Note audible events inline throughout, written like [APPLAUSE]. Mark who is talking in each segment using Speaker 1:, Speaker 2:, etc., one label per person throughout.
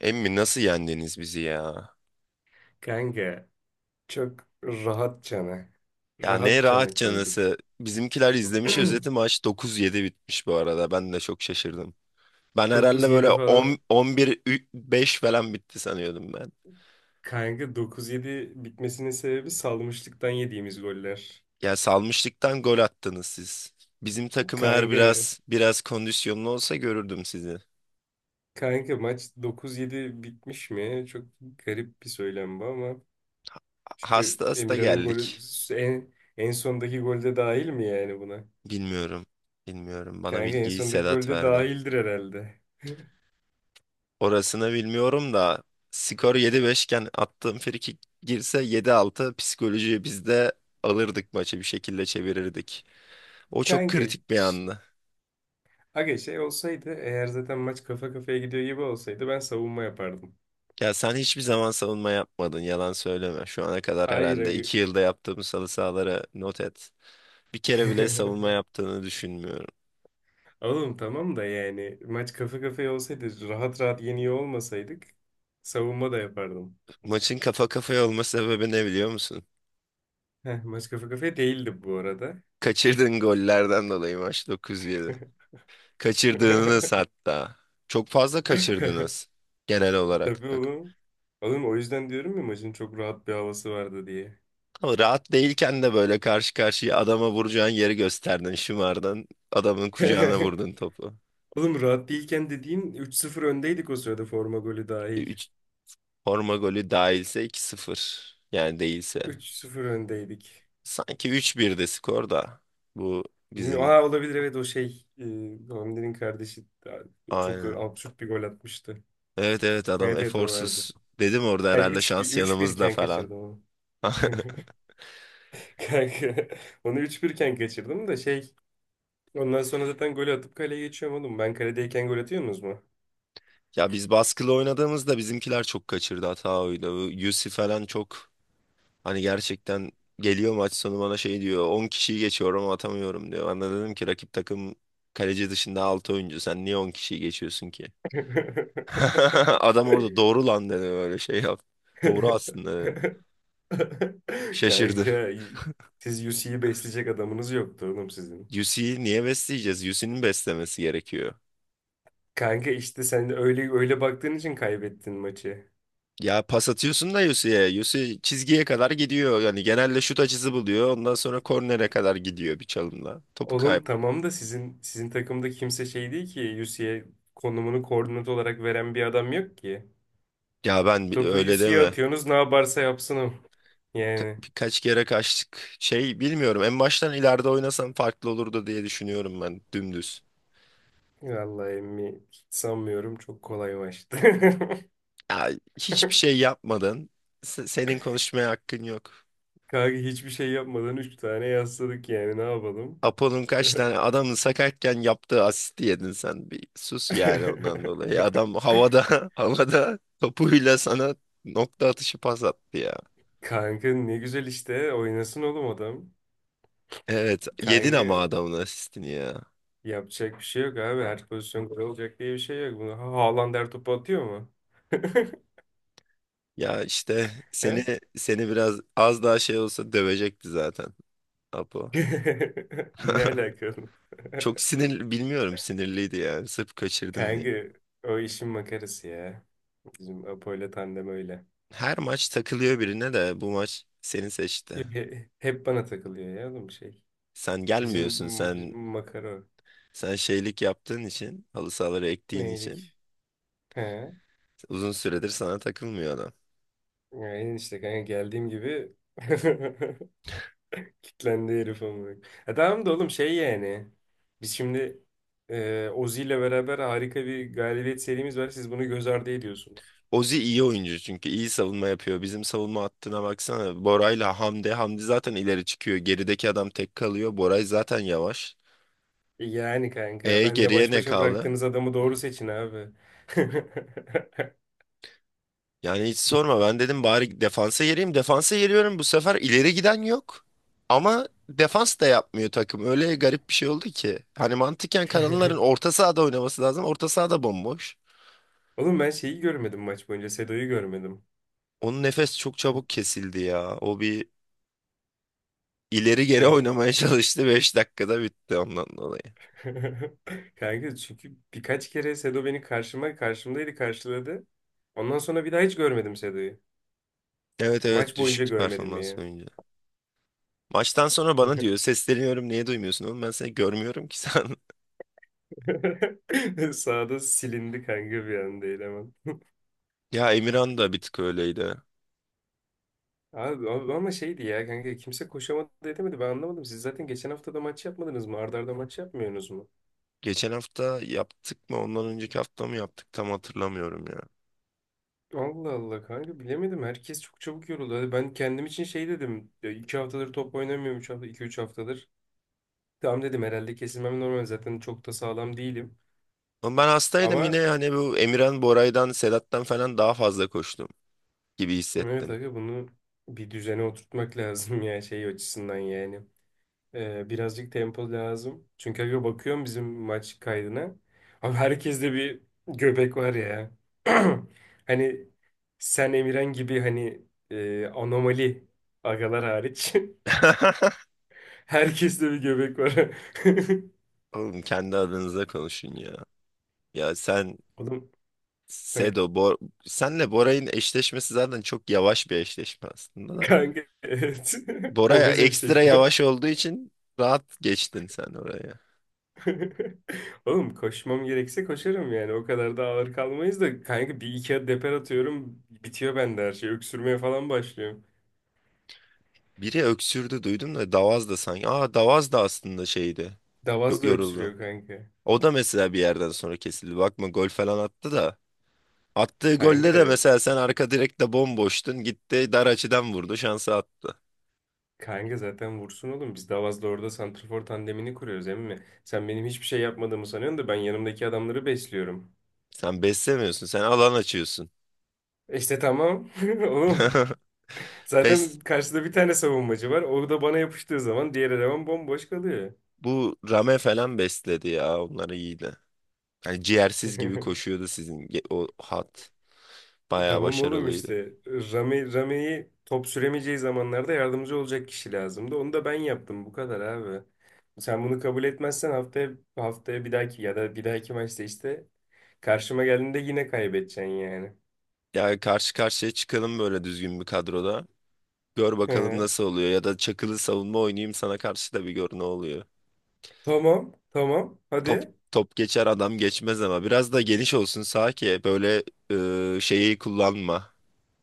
Speaker 1: Emmi nasıl yendiniz bizi ya?
Speaker 2: Kanka çok rahat cana.
Speaker 1: Ya ne
Speaker 2: Rahat
Speaker 1: rahat
Speaker 2: cana koyduk.
Speaker 1: canısı. Bizimkiler izlemiş özeti
Speaker 2: [CLEARS THROAT]
Speaker 1: maç 9-7 bitmiş bu arada. Ben de çok şaşırdım. Ben herhalde böyle
Speaker 2: 9-7 falan.
Speaker 1: 10 11 beş falan bitti sanıyordum ben.
Speaker 2: Kanka 9-7 bitmesinin sebebi salmışlıktan yediğimiz goller.
Speaker 1: Ya salmışlıktan gol attınız siz. Bizim takım eğer
Speaker 2: Kanka,
Speaker 1: biraz biraz kondisyonlu olsa görürdüm sizi.
Speaker 2: kanka maç 9-7 bitmiş mi? Çok garip bir söylem bu ama. Çünkü
Speaker 1: Hasta hasta
Speaker 2: Emirhan'ın golü
Speaker 1: geldik.
Speaker 2: en sondaki golde dahil mi yani buna?
Speaker 1: Bilmiyorum. Bilmiyorum. Bana
Speaker 2: Kanka en
Speaker 1: bilgiyi
Speaker 2: sondaki
Speaker 1: Sedat
Speaker 2: golde
Speaker 1: verdi.
Speaker 2: dahildir herhalde.
Speaker 1: Orasını bilmiyorum da skor 7-5 iken attığım frikik girse 7-6 psikolojiyi biz de alırdık maçı bir şekilde çevirirdik. O
Speaker 2: [LAUGHS]
Speaker 1: çok
Speaker 2: Kanka
Speaker 1: kritik bir andı.
Speaker 2: aga şey olsaydı eğer zaten maç kafa kafaya gidiyor gibi olsaydı ben savunma yapardım.
Speaker 1: Ya sen hiçbir zaman savunma yapmadın, yalan söyleme. Şu ana kadar
Speaker 2: Hayır
Speaker 1: herhalde
Speaker 2: aga.
Speaker 1: 2 yılda yaptığımız halı sahaları not et. Bir kere bile savunma
Speaker 2: [LAUGHS]
Speaker 1: yaptığını düşünmüyorum.
Speaker 2: Oğlum tamam da yani maç kafa kafaya olsaydı rahat rahat yeniyor olmasaydık savunma da yapardım.
Speaker 1: Maçın kafa kafaya olma sebebi ne biliyor musun?
Speaker 2: Heh, maç kafa kafaya değildi bu arada.
Speaker 1: Kaçırdığın gollerden dolayı maç 9-7. Kaçırdığınız
Speaker 2: [LAUGHS]
Speaker 1: hatta. Çok fazla kaçırdınız genel olarak.
Speaker 2: Tabii oğlum. Oğlum o yüzden diyorum ya maçın çok rahat bir havası vardı diye.
Speaker 1: Ama rahat değilken de böyle karşı karşıya adama vuracağın yeri gösterdin, şımardın, adamın kucağına
Speaker 2: [LAUGHS]
Speaker 1: vurdun topu.
Speaker 2: Oğlum rahat değilken dediğin üç sıfır öndeydik o sırada forma golü dahil.
Speaker 1: 3 forma golü dahilse 2-0. Yani değilse.
Speaker 2: üç sıfır öndeydik.
Speaker 1: Sanki 3-1'de skor da. Bu
Speaker 2: Bilmiyorum.
Speaker 1: bizim,
Speaker 2: Aa, olabilir evet o şey. Hamdi'nin kardeşi çok
Speaker 1: aynen.
Speaker 2: absürt bir gol atmıştı.
Speaker 1: Evet evet, adam
Speaker 2: Evet evet o
Speaker 1: eforsuz.
Speaker 2: vardı.
Speaker 1: Dedim orada
Speaker 2: Hani
Speaker 1: herhalde
Speaker 2: üç bir
Speaker 1: şans
Speaker 2: üç bir
Speaker 1: yanımızda
Speaker 2: iken
Speaker 1: falan.
Speaker 2: kaçırdım onu.
Speaker 1: [LAUGHS]
Speaker 2: [LAUGHS] Kanka onu 3-1 iken kaçırdım da ondan sonra zaten golü atıp kaleye geçiyorum oğlum. Ben kaledeyken gol atıyor musunuz mu?
Speaker 1: Ya biz baskılı oynadığımızda bizimkiler çok kaçırdı, hata oydu. Bu Yusuf falan çok, hani gerçekten geliyor maç sonu bana şey diyor. 10 kişiyi geçiyorum, atamıyorum diyor. Ben de dedim ki rakip takım kaleci dışında 6 oyuncu. Sen niye 10 kişiyi geçiyorsun ki? [LAUGHS] Adam orada
Speaker 2: [LAUGHS]
Speaker 1: doğru lan dedi, böyle şey yap. Doğru aslında dedi. Şaşırdı.
Speaker 2: Kanka siz UC'yi besleyecek adamınız yoktu oğlum sizin.
Speaker 1: Yusi'yi niye besleyeceğiz? Yusi'nin beslemesi gerekiyor.
Speaker 2: Kanka işte sen öyle öyle baktığın için kaybettin maçı.
Speaker 1: Ya pas atıyorsun da Yusi'ye. Yusi çizgiye kadar gidiyor. Yani genelde şut açısı buluyor. Ondan sonra kornere kadar gidiyor bir çalımla. Topu kayıp.
Speaker 2: Oğlum tamam da sizin takımda kimse şey değil ki Yusi'ye konumunu koordinat olarak veren bir adam yok ki.
Speaker 1: Ya ben
Speaker 2: Topu
Speaker 1: öyle
Speaker 2: Yusi'ye
Speaker 1: deme.
Speaker 2: atıyorsunuz ne yaparsa yapsın o. Yani
Speaker 1: Birkaç kere kaçtık. Şey, bilmiyorum, en baştan ileride oynasam farklı olurdu diye düşünüyorum ben dümdüz.
Speaker 2: vallahi emmi hiç sanmıyorum, çok kolay maçtı. [LAUGHS]
Speaker 1: Ya, hiçbir şey yapmadın. Senin konuşmaya hakkın yok.
Speaker 2: Kanka hiçbir şey yapmadan 3 tane yasladık, yani ne yapalım?
Speaker 1: Apo'nun kaç tane adamın sakatken yaptığı asisti yedin sen. Bir sus yani ondan dolayı. Adam
Speaker 2: [LAUGHS]
Speaker 1: havada [LAUGHS] havada topuyla sana nokta atışı pas attı ya.
Speaker 2: Kanka ne güzel, işte oynasın oğlum adam.
Speaker 1: Evet yedin
Speaker 2: Kanka
Speaker 1: ama adamın asistini ya.
Speaker 2: yapacak bir şey yok abi, her pozisyon gol olacak diye bir şey yok. Bunu Haaland her topu atıyor mu? [LAUGHS]
Speaker 1: Ya işte
Speaker 2: He?
Speaker 1: seni biraz az daha şey olsa dövecekti zaten Apo.
Speaker 2: [LAUGHS] Ne
Speaker 1: [LAUGHS]
Speaker 2: alakalı? [LAUGHS]
Speaker 1: Çok sinir, bilmiyorum, sinirliydi yani sırf kaçırdın diye.
Speaker 2: Kanka o işin makarası ya. Bizim Apo ile tandem öyle.
Speaker 1: Her maç takılıyor birine de bu maç seni seçti.
Speaker 2: Hep bana takılıyor ya oğlum şey.
Speaker 1: Sen
Speaker 2: Bizim
Speaker 1: gelmiyorsun, sen
Speaker 2: bizim makara o.
Speaker 1: sen şeylik yaptığın için, halı sahaları ektiğin için
Speaker 2: Neylik? He.
Speaker 1: uzun süredir sana takılmıyor adam.
Speaker 2: Yani işte kanka geldiğim gibi [LAUGHS] kitlendi herif ama. E tamam da oğlum şey yani. Biz şimdi Ozi ile beraber harika bir galibiyet serimiz var. Siz bunu göz ardı ediyorsunuz.
Speaker 1: Ozi iyi oyuncu çünkü iyi savunma yapıyor. Bizim savunma hattına baksana. Bora'yla Hamdi. Hamdi zaten ileri çıkıyor. Gerideki adam tek kalıyor. Boray zaten yavaş.
Speaker 2: Yani kanka
Speaker 1: E
Speaker 2: benle
Speaker 1: geriye
Speaker 2: baş
Speaker 1: ne
Speaker 2: başa
Speaker 1: kaldı?
Speaker 2: bıraktığınız adamı doğru seçin abi. [LAUGHS]
Speaker 1: Yani hiç sorma, ben dedim bari defansa yeriyim. Defansa yeriyorum, bu sefer ileri giden yok. Ama defans da yapmıyor takım. Öyle garip bir şey oldu ki. Hani mantıken kanalların orta sahada oynaması lazım. Orta sahada bomboş.
Speaker 2: Oğlum ben şeyi görmedim maç boyunca. Sedo'yu görmedim.
Speaker 1: Onun nefes çok çabuk kesildi ya. O bir ileri geri
Speaker 2: Heh.
Speaker 1: oynamaya [LAUGHS] çalıştı. 5 dakikada bitti ondan dolayı.
Speaker 2: [LAUGHS] Kanka çünkü birkaç kere Sedo beni karşıma karşımdaydı karşıladı. Ondan sonra bir daha hiç görmedim Sedo'yu.
Speaker 1: Evet evet,
Speaker 2: Maç boyunca
Speaker 1: düşük
Speaker 2: görmedim
Speaker 1: performans
Speaker 2: ya.
Speaker 1: oyuncu. Maçtan sonra bana diyor, sesleniyorum niye duymuyorsun oğlum, ben seni görmüyorum ki sen. [LAUGHS]
Speaker 2: [LAUGHS] Sağda silindi kanka bir anda eleman.
Speaker 1: Ya Emirhan da bir tık öyleydi.
Speaker 2: Abi ama şeydi ya kanka, kimse koşamadı edemedi, ben anlamadım. Siz zaten geçen hafta da maç yapmadınız mı? Arda arda maç yapmıyorsunuz mu?
Speaker 1: Geçen hafta yaptık mı? Ondan önceki hafta mı yaptık? Tam hatırlamıyorum ya.
Speaker 2: Allah Allah kanka, bilemedim. Herkes çok çabuk yoruldu. Hadi ben kendim için şey dedim. Ya 2 haftadır top oynamıyorum. 3 hafta, 2 3 haftadır. Tamam dedim, herhalde kesilmem normal. Zaten çok da sağlam değilim.
Speaker 1: Ama ben hastaydım yine,
Speaker 2: Ama
Speaker 1: hani bu Emirhan, Boray'dan, Sedat'tan falan daha fazla koştum gibi
Speaker 2: evet
Speaker 1: hissettim.
Speaker 2: aga, bunu bir düzene oturtmak [LAUGHS] lazım ya şey açısından yani. Birazcık tempo lazım. Çünkü aga bakıyorum bizim maç kaydına. Abi herkeste bir göbek var ya. [CLEARS THROAT] Hani sen Emirhan gibi hani anomali agalar hariç. [LAUGHS]
Speaker 1: [LAUGHS]
Speaker 2: Herkeste bir göbek var. [LAUGHS]
Speaker 1: Oğlum kendi adınıza konuşun ya. Ya sen
Speaker 2: Oğlum he,
Speaker 1: Sedo, Bor senle Boray'ın eşleşmesi zaten çok yavaş bir eşleşme aslında da.
Speaker 2: kanka evet. [LAUGHS]
Speaker 1: Bora
Speaker 2: Obez
Speaker 1: ekstra
Speaker 2: eşleşme.
Speaker 1: yavaş olduğu için rahat geçtin sen oraya.
Speaker 2: [LAUGHS] Oğlum koşmam gerekse koşarım yani. O kadar da ağır kalmayız da kanka, bir iki adet deper atıyorum, bitiyor bende her şey. Öksürmeye falan başlıyorum.
Speaker 1: Biri öksürdü duydum da Davaz da sanki. Aa Davaz da aslında şeydi.
Speaker 2: Davaz da
Speaker 1: Yoruldu.
Speaker 2: öksürüyor kanka.
Speaker 1: O da mesela bir yerden sonra kesildi. Bakma gol falan attı da. Attığı golde de
Speaker 2: Kanka
Speaker 1: mesela sen arka direkte bomboştun. Gitti dar açıdan vurdu. Şansı attı.
Speaker 2: Kanka zaten vursun oğlum. Biz Davaz'da orada santrafor tandemini kuruyoruz emmi. Sen benim hiçbir şey yapmadığımı sanıyorsun da ben yanımdaki adamları besliyorum.
Speaker 1: Sen beslemiyorsun. Sen alan açıyorsun.
Speaker 2: İşte tamam. [LAUGHS] Oğlum.
Speaker 1: [LAUGHS]
Speaker 2: Zaten
Speaker 1: Pes,
Speaker 2: karşıda bir tane savunmacı var. O da bana yapıştığı zaman diğer eleman bomboş kalıyor.
Speaker 1: bu Rame falan besledi ya. Onları iyiydi. Yani ciğersiz gibi
Speaker 2: [LAUGHS]
Speaker 1: koşuyordu sizin o hat. Bayağı
Speaker 2: Tamam oğlum
Speaker 1: başarılıydı.
Speaker 2: işte. Rame'yi top süremeyeceği zamanlarda yardımcı olacak kişi lazımdı. Onu da ben yaptım. Bu kadar abi. Sen bunu kabul etmezsen haftaya bir dahaki ya da bir dahaki maçta işte karşıma geldiğinde yine kaybedeceksin yani.
Speaker 1: Yani karşı karşıya çıkalım böyle düzgün bir kadroda. Gör bakalım
Speaker 2: [LAUGHS]
Speaker 1: nasıl oluyor. Ya da çakılı savunma oynayayım sana karşı da bir gör ne oluyor.
Speaker 2: Tamam, tamam.
Speaker 1: Top,
Speaker 2: Hadi.
Speaker 1: top geçer adam geçmez, ama biraz da geniş olsun sağ ki böyle şeyi kullanma.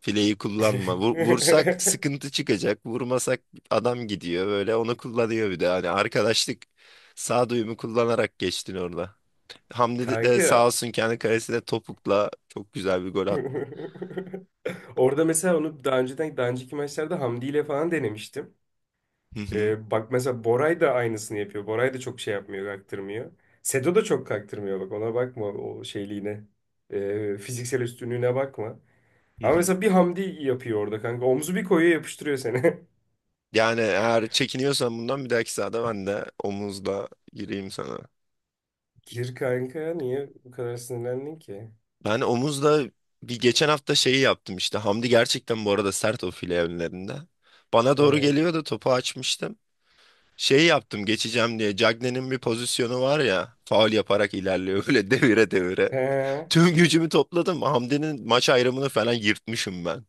Speaker 1: Fileyi kullanma. Vursak
Speaker 2: [LAUGHS]
Speaker 1: sıkıntı çıkacak. Vurmasak adam gidiyor, böyle onu kullanıyor bir de. Hani arkadaşlık sağduyumu kullanarak geçtin orada. Hamdi de sağ
Speaker 2: Kanka.
Speaker 1: olsun kendi kalesine topukla çok güzel bir gol attı.
Speaker 2: [LAUGHS] Orada mesela onu daha önceki maçlarda Hamdi ile falan denemiştim.
Speaker 1: Hı hı,
Speaker 2: Bak mesela Boray da aynısını yapıyor. Boray da çok şey yapmıyor, kaktırmıyor. Sedo da çok kaktırmıyor, bak ona bakma o şeyliğine. Fiziksel üstünlüğüne bakma.
Speaker 1: hı
Speaker 2: Ama
Speaker 1: hı.
Speaker 2: mesela bir Hamdi yapıyor orada kanka. Omzu bir koyuyor, yapıştırıyor seni.
Speaker 1: Yani eğer çekiniyorsan bundan, bir dahaki sahada ben de omuzla gireyim sana.
Speaker 2: [LAUGHS] Gir kanka, niye bu kadar sinirlendin ki?
Speaker 1: Ben omuzda bir geçen hafta şeyi yaptım işte. Hamdi gerçekten bu arada sert o file önlerinde. Bana doğru
Speaker 2: Evet.
Speaker 1: geliyordu, topu açmıştım. Şeyi yaptım geçeceğim diye. Cagney'nin bir pozisyonu var ya. Faul yaparak ilerliyor [LAUGHS] böyle devire devire.
Speaker 2: He.
Speaker 1: Tüm gücümü topladım. Hamdi'nin maç ayrımını falan yırtmışım ben.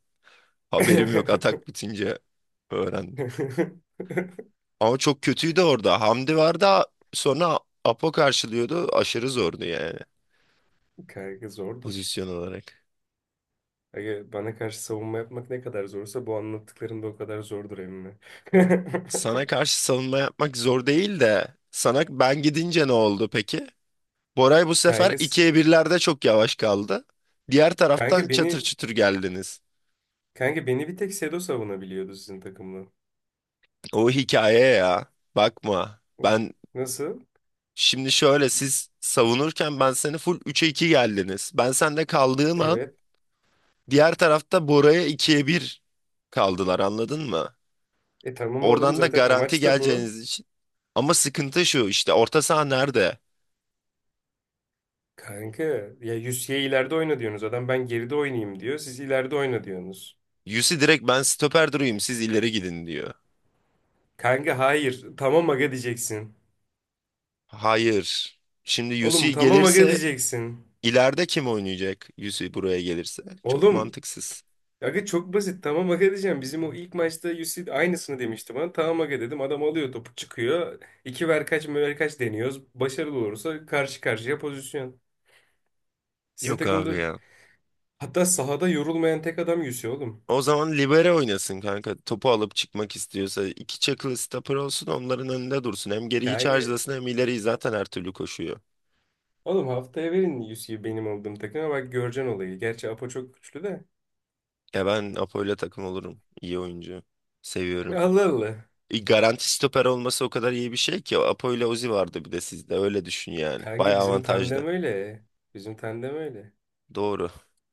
Speaker 1: Haberim yok, atak
Speaker 2: [LAUGHS]
Speaker 1: bitince öğrendim. Ama çok kötüydü orada. Hamdi vardı, sonra Apo karşılıyordu. Aşırı zordu yani
Speaker 2: Kanka zordur.
Speaker 1: pozisyon olarak.
Speaker 2: Aga, bana karşı savunma yapmak ne kadar zorsa bu anlattıkların da o kadar zordur emmi. [LAUGHS]
Speaker 1: Sana karşı savunma yapmak zor değil de sana ben gidince ne oldu peki? Boray bu sefer
Speaker 2: Kanka, s-
Speaker 1: 2-1'lerde çok yavaş kaldı. Diğer taraftan
Speaker 2: kanka
Speaker 1: çatır
Speaker 2: beni
Speaker 1: çutur geldiniz.
Speaker 2: kanka beni bir tek Sedo savunabiliyordu sizin takımla.
Speaker 1: O hikaye ya. Bakma. Ben
Speaker 2: Nasıl?
Speaker 1: şimdi şöyle, siz savunurken ben seni full 3'e 2 geldiniz. Ben sende kaldığım an
Speaker 2: Evet.
Speaker 1: diğer tarafta Bora'ya 2-1 kaldılar, anladın mı?
Speaker 2: E tamam oğlum,
Speaker 1: Oradan da
Speaker 2: zaten
Speaker 1: garanti
Speaker 2: amaç da bu.
Speaker 1: geleceğiniz için. Ama sıkıntı şu işte, orta saha nerede?
Speaker 2: Kanka ya Yusye ileride oyna diyorsunuz. Adam ben geride oynayayım diyor. Siz ileride oyna diyorsunuz.
Speaker 1: Yusi direkt ben stoper durayım siz ileri gidin diyor.
Speaker 2: Kanka hayır. Tamam aga diyeceksin.
Speaker 1: Hayır. Şimdi
Speaker 2: Oğlum
Speaker 1: UC
Speaker 2: tamam aga
Speaker 1: gelirse
Speaker 2: diyeceksin.
Speaker 1: ileride kim oynayacak, UC buraya gelirse? Çok
Speaker 2: Oğlum
Speaker 1: mantıksız.
Speaker 2: aga çok basit, tamam aga diyeceğim. Bizim o ilk maçta UC aynısını demişti bana. Tamam aga dedim. Adam alıyor topu çıkıyor. İki ver kaç möver kaç deniyoruz. Başarılı olursa karşı karşıya pozisyon. Sizin
Speaker 1: Yok abi
Speaker 2: takımda
Speaker 1: ya.
Speaker 2: hatta sahada yorulmayan tek adam UC oğlum.
Speaker 1: O zaman libero oynasın kanka. Topu alıp çıkmak istiyorsa iki çakılı stopper olsun onların önünde dursun. Hem geriyi
Speaker 2: Yani
Speaker 1: charge'lasın, hem ileriyi zaten her türlü koşuyor.
Speaker 2: oğlum haftaya verin UC'yi benim olduğum takıma, bak göreceksin olayı. Gerçi Apo çok güçlü de.
Speaker 1: Ya ben Apo'yla takım olurum. İyi oyuncu.
Speaker 2: [LAUGHS]
Speaker 1: Seviyorum.
Speaker 2: Allah Allah.
Speaker 1: Garanti stoper olması o kadar iyi bir şey ki. Apo'yla Uzi vardı bir de sizde. Öyle düşün yani.
Speaker 2: Kanka
Speaker 1: Bayağı
Speaker 2: bizim
Speaker 1: avantajlı.
Speaker 2: tandem öyle. Bizim tandem öyle.
Speaker 1: Doğru.